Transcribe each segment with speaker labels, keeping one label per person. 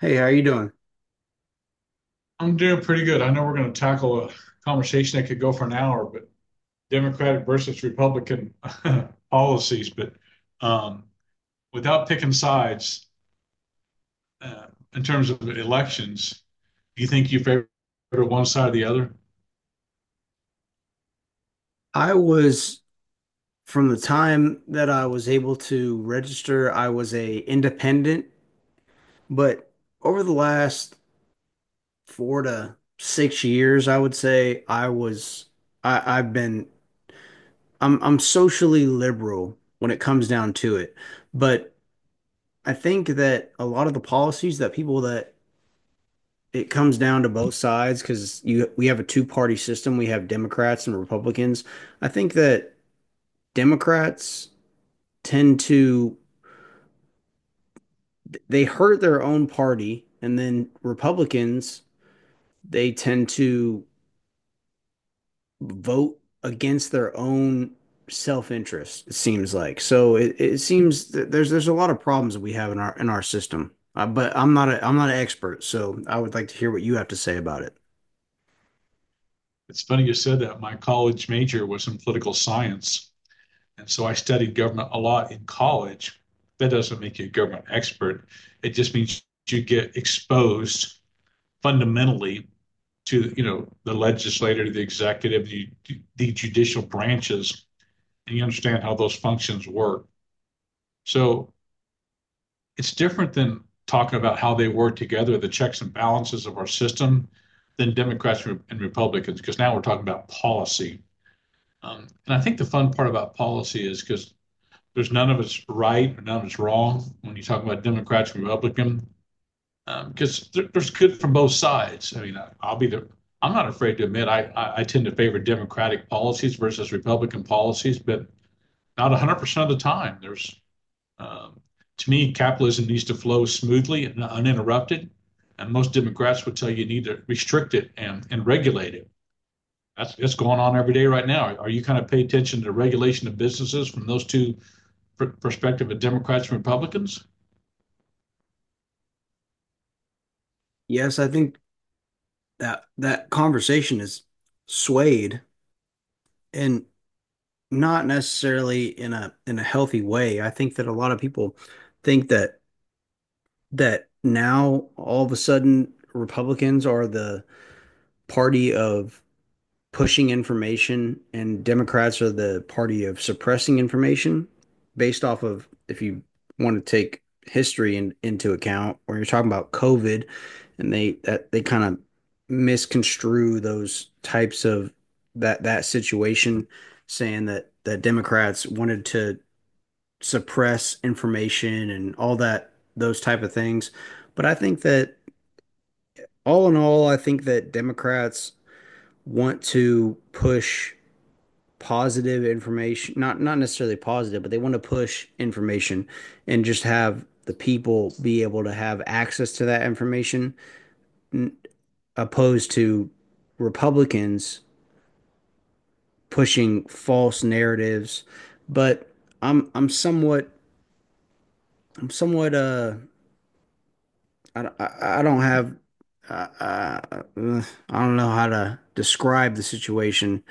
Speaker 1: Hey, how you doing?
Speaker 2: I'm doing pretty good. I know we're going to tackle a conversation that could go for an hour, but Democratic versus Republican policies. But um, without picking sides uh, in terms of elections, do you think you favor one side or the other?
Speaker 1: I was From the time that I was able to register, I was a independent, but over the last 4 to 6 years, I would say I was I, I've been I'm socially liberal when it comes down to it. But I think that a lot of the policies that it comes down to both sides because you we have a two-party system. We have Democrats and Republicans. I think that Democrats tend to they hurt their own party, and then Republicans they tend to vote against their own self-interest, it seems like. So it seems that there's a lot of problems that we have in our system, but I'm not an expert, so I would like to hear what you have to say about it.
Speaker 2: It's funny you said that. My college major was in political science, and so I studied government a lot in college. That doesn't make you a government expert. It just means you get exposed fundamentally to, you know, the legislative, the executive, the judicial branches. And you understand how those functions work. So it's different than talking about how they work together, the checks and balances of our system than Democrats and Republicans, because now we're talking about policy. And I think the fun part about policy is because there's none of it's right, or none of it's wrong, when you talk about Democrats and Republicans, because there's good from both sides. I mean, I'll be the— I'm not afraid to admit I I tend to favor Democratic policies versus Republican policies, but not 100% of the time. There's um, to me, capitalism needs to flow smoothly and uninterrupted, and most Democrats would tell you you need to restrict it and regulate it. That's going on every day right now. Are you kind of pay attention to the regulation of businesses from those two perspective of Democrats and Republicans?
Speaker 1: Yes, I think that that conversation is swayed and not necessarily in a healthy way. I think that a lot of people think that now, all of a sudden, Republicans are the party of pushing information and Democrats are the party of suppressing information. Based off of, if you want to take history into account, or you're talking about COVID, and they kind of misconstrue those types of that situation, saying that Democrats wanted to suppress information and all that, those type of things. But I think that, all in all, I think that Democrats want to push positive information, not necessarily positive, but they want to push information and just have the people be able to have access to that information, opposed to Republicans pushing false narratives. But I'm I'm somewhat I'm somewhat, I don't have uh, uh, I don't know how to describe the situation.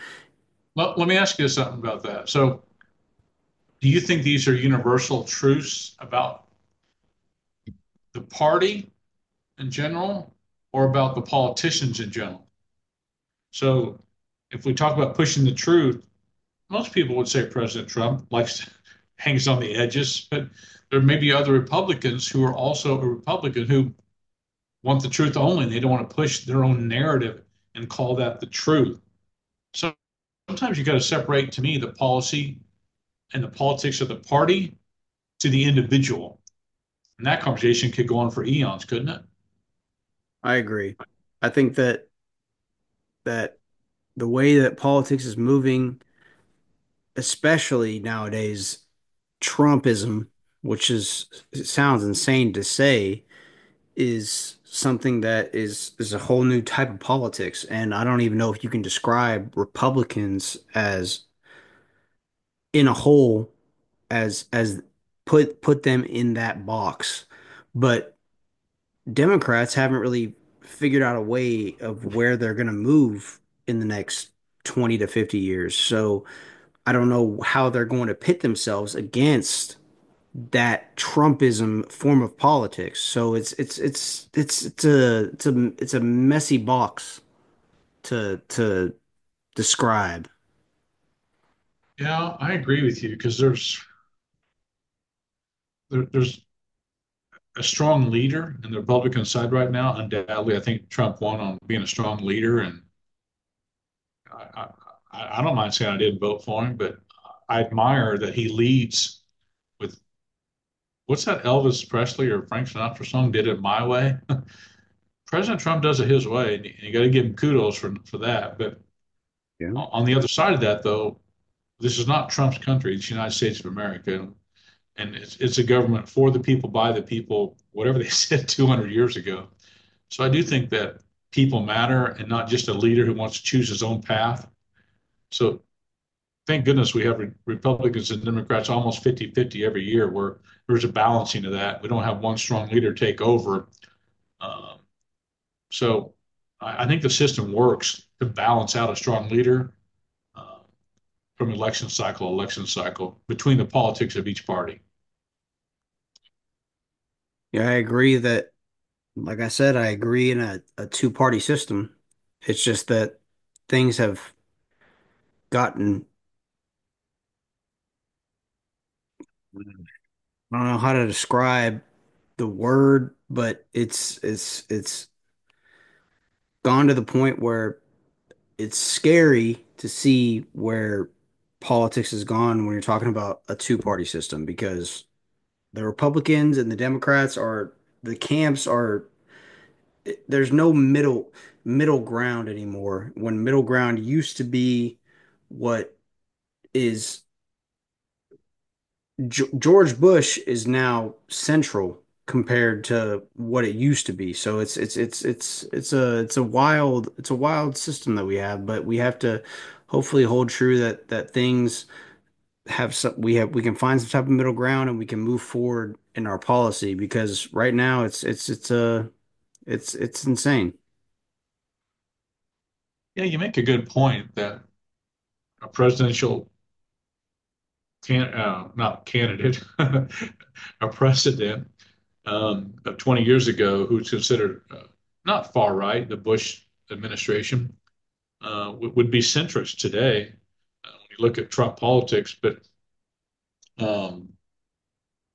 Speaker 2: Well, let me ask you something about that. So do you think these are universal truths about the party in general or about the politicians in general? So if we talk about pushing the truth, most people would say President Trump likes to hangs on the edges, but there may be other Republicans who are also a Republican who want the truth only and they don't want to push their own narrative and call that the truth. So sometimes you got to separate to me the policy and the politics of the party to the individual. And that conversation could go on for eons, couldn't it?
Speaker 1: I agree. I think that that the way that politics is moving, especially nowadays, Trumpism, which is it sounds insane to say, is something that is a whole new type of politics, and I don't even know if you can describe Republicans as in a whole, as put them in that box. But Democrats haven't really figured out a way of where they're going to move in the next 20 to 50 years. So I don't know how they're going to pit themselves against that Trumpism form of politics. So it's a messy box to describe.
Speaker 2: Yeah, I agree with you because there's a strong leader in the Republican side right now. Undoubtedly, I think Trump won on being a strong leader, and I I don't mind saying I didn't vote for him, but I admire that he leads with— what's that Elvis Presley or Frank Sinatra song? Did it my way. President Trump does it his way, and you got to give him kudos for that. But
Speaker 1: Yeah.
Speaker 2: on the other side of that, though, this is not Trump's country. It's the United States of America, and it's a government for the people, by the people, whatever they said 200 years ago. So I do think that people matter and not just a leader who wants to choose his own path. So thank goodness we have Republicans and Democrats almost 50 50 every year where there's a balancing of that. We don't have one strong leader take over. Um, so I think the system works to balance out a strong leader. Um, from election cycle, between the politics of each party.
Speaker 1: Yeah, I agree that, like I said, I agree in a two-party system. It's just that things have gotten, I don't know how to describe the word, but it's gone to the point where it's scary to see where politics has gone when you're talking about a two-party system, because the Republicans and the Democrats are, the camps are, there's no middle ground anymore, when middle ground used to be what is G George Bush is now central compared to what it used to be. So it's a wild system that we have, but we have to hopefully hold true that things have some we have we can find some type of middle ground, and we can move forward in our policy, because right now it's insane.
Speaker 2: Yeah, you make a good point that a presidential not candidate, a precedent of 20 years ago who's considered not far right, the Bush administration would be centrist today when you look at Trump politics. But um,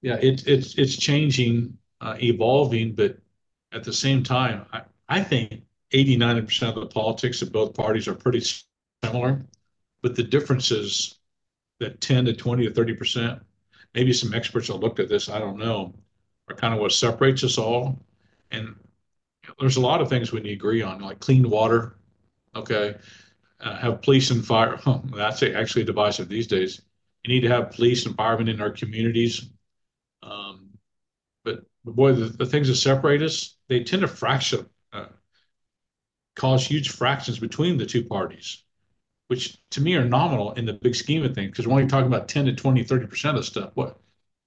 Speaker 2: yeah, it's changing, evolving, but at the same time, I think 80, 90% of the politics of both parties are pretty similar, but the differences— that 10 to 20 to 30%, maybe some experts will look at this, I don't know, are kind of what separates us all. And there's a lot of things we need to agree on, like clean water, okay? Uh, have police and fire. Oh, that's actually divisive these days. You need to have police and firemen in our communities. Um, but boy, things that separate us, they tend to fracture, uh, cause huge fractions between the two parties, which to me are nominal in the big scheme of things. Because we're only talking about 10 to 20, 30% of stuff. What?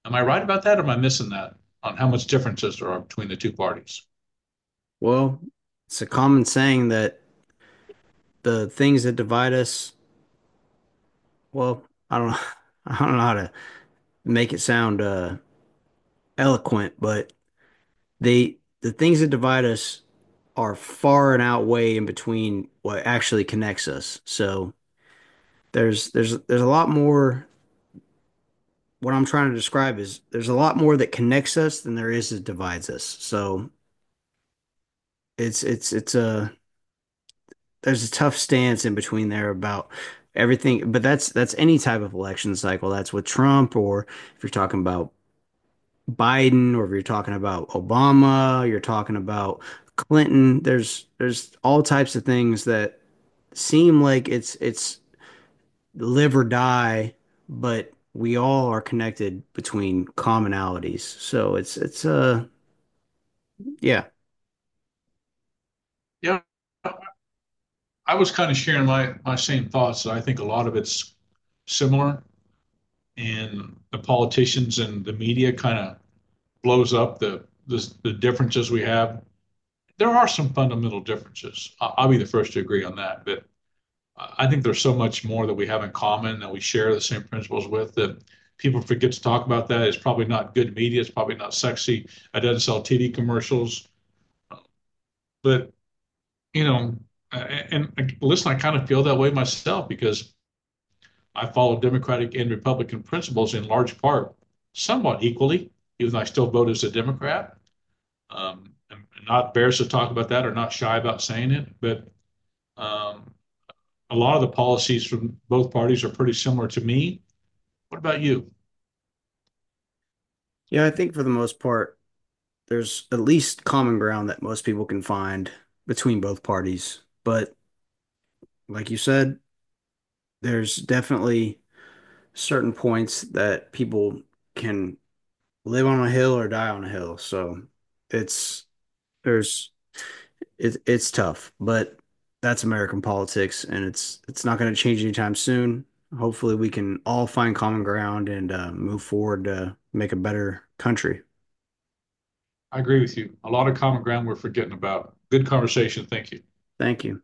Speaker 2: Am I right about that? Or am I missing that on how much differences there are between the two parties?
Speaker 1: Well, it's a common saying that the things that divide us, well, I don't I don't know how to make it sound eloquent, but the things that divide us are far and outweigh in between what actually connects us. So there's there's a lot more. What I'm trying to describe is there's a lot more that connects us than there is that divides us. So it's a there's a tough stance in between there about everything, but that's any type of election cycle. That's with Trump, or if you're talking about Biden, or if you're talking about Obama, you're talking about Clinton, there's all types of things that seem like it's live or die, but we all are connected between commonalities. So it's yeah.
Speaker 2: Yeah, I was kind of sharing my same thoughts. I think a lot of it's similar, and the politicians and the media kind of blows up the differences we have. There are some fundamental differences. I'll be the first to agree on that. But I think there's so much more that we have in common that we share the same principles with that people forget to talk about. That it's probably not good media. It's probably not sexy. I doesn't sell TV commercials. But you know, and like, listen, I kind of feel that way myself because I follow Democratic and Republican principles in large part somewhat equally, even though I still vote as a Democrat. I'm not embarrassed to talk about that or not shy about saying it, but um, a lot of the policies from both parties are pretty similar to me. What about you?
Speaker 1: Yeah, I think for the most part, there's at least common ground that most people can find between both parties. But like you said, there's definitely certain points that people can live on a hill or die on a hill. So it's there's it's tough, but that's American politics, and it's not going to change anytime soon. Hopefully, we can all find common ground and move forward to make a better country.
Speaker 2: I agree with you. A lot of common ground we're forgetting about. Good conversation. Thank you.
Speaker 1: Thank you.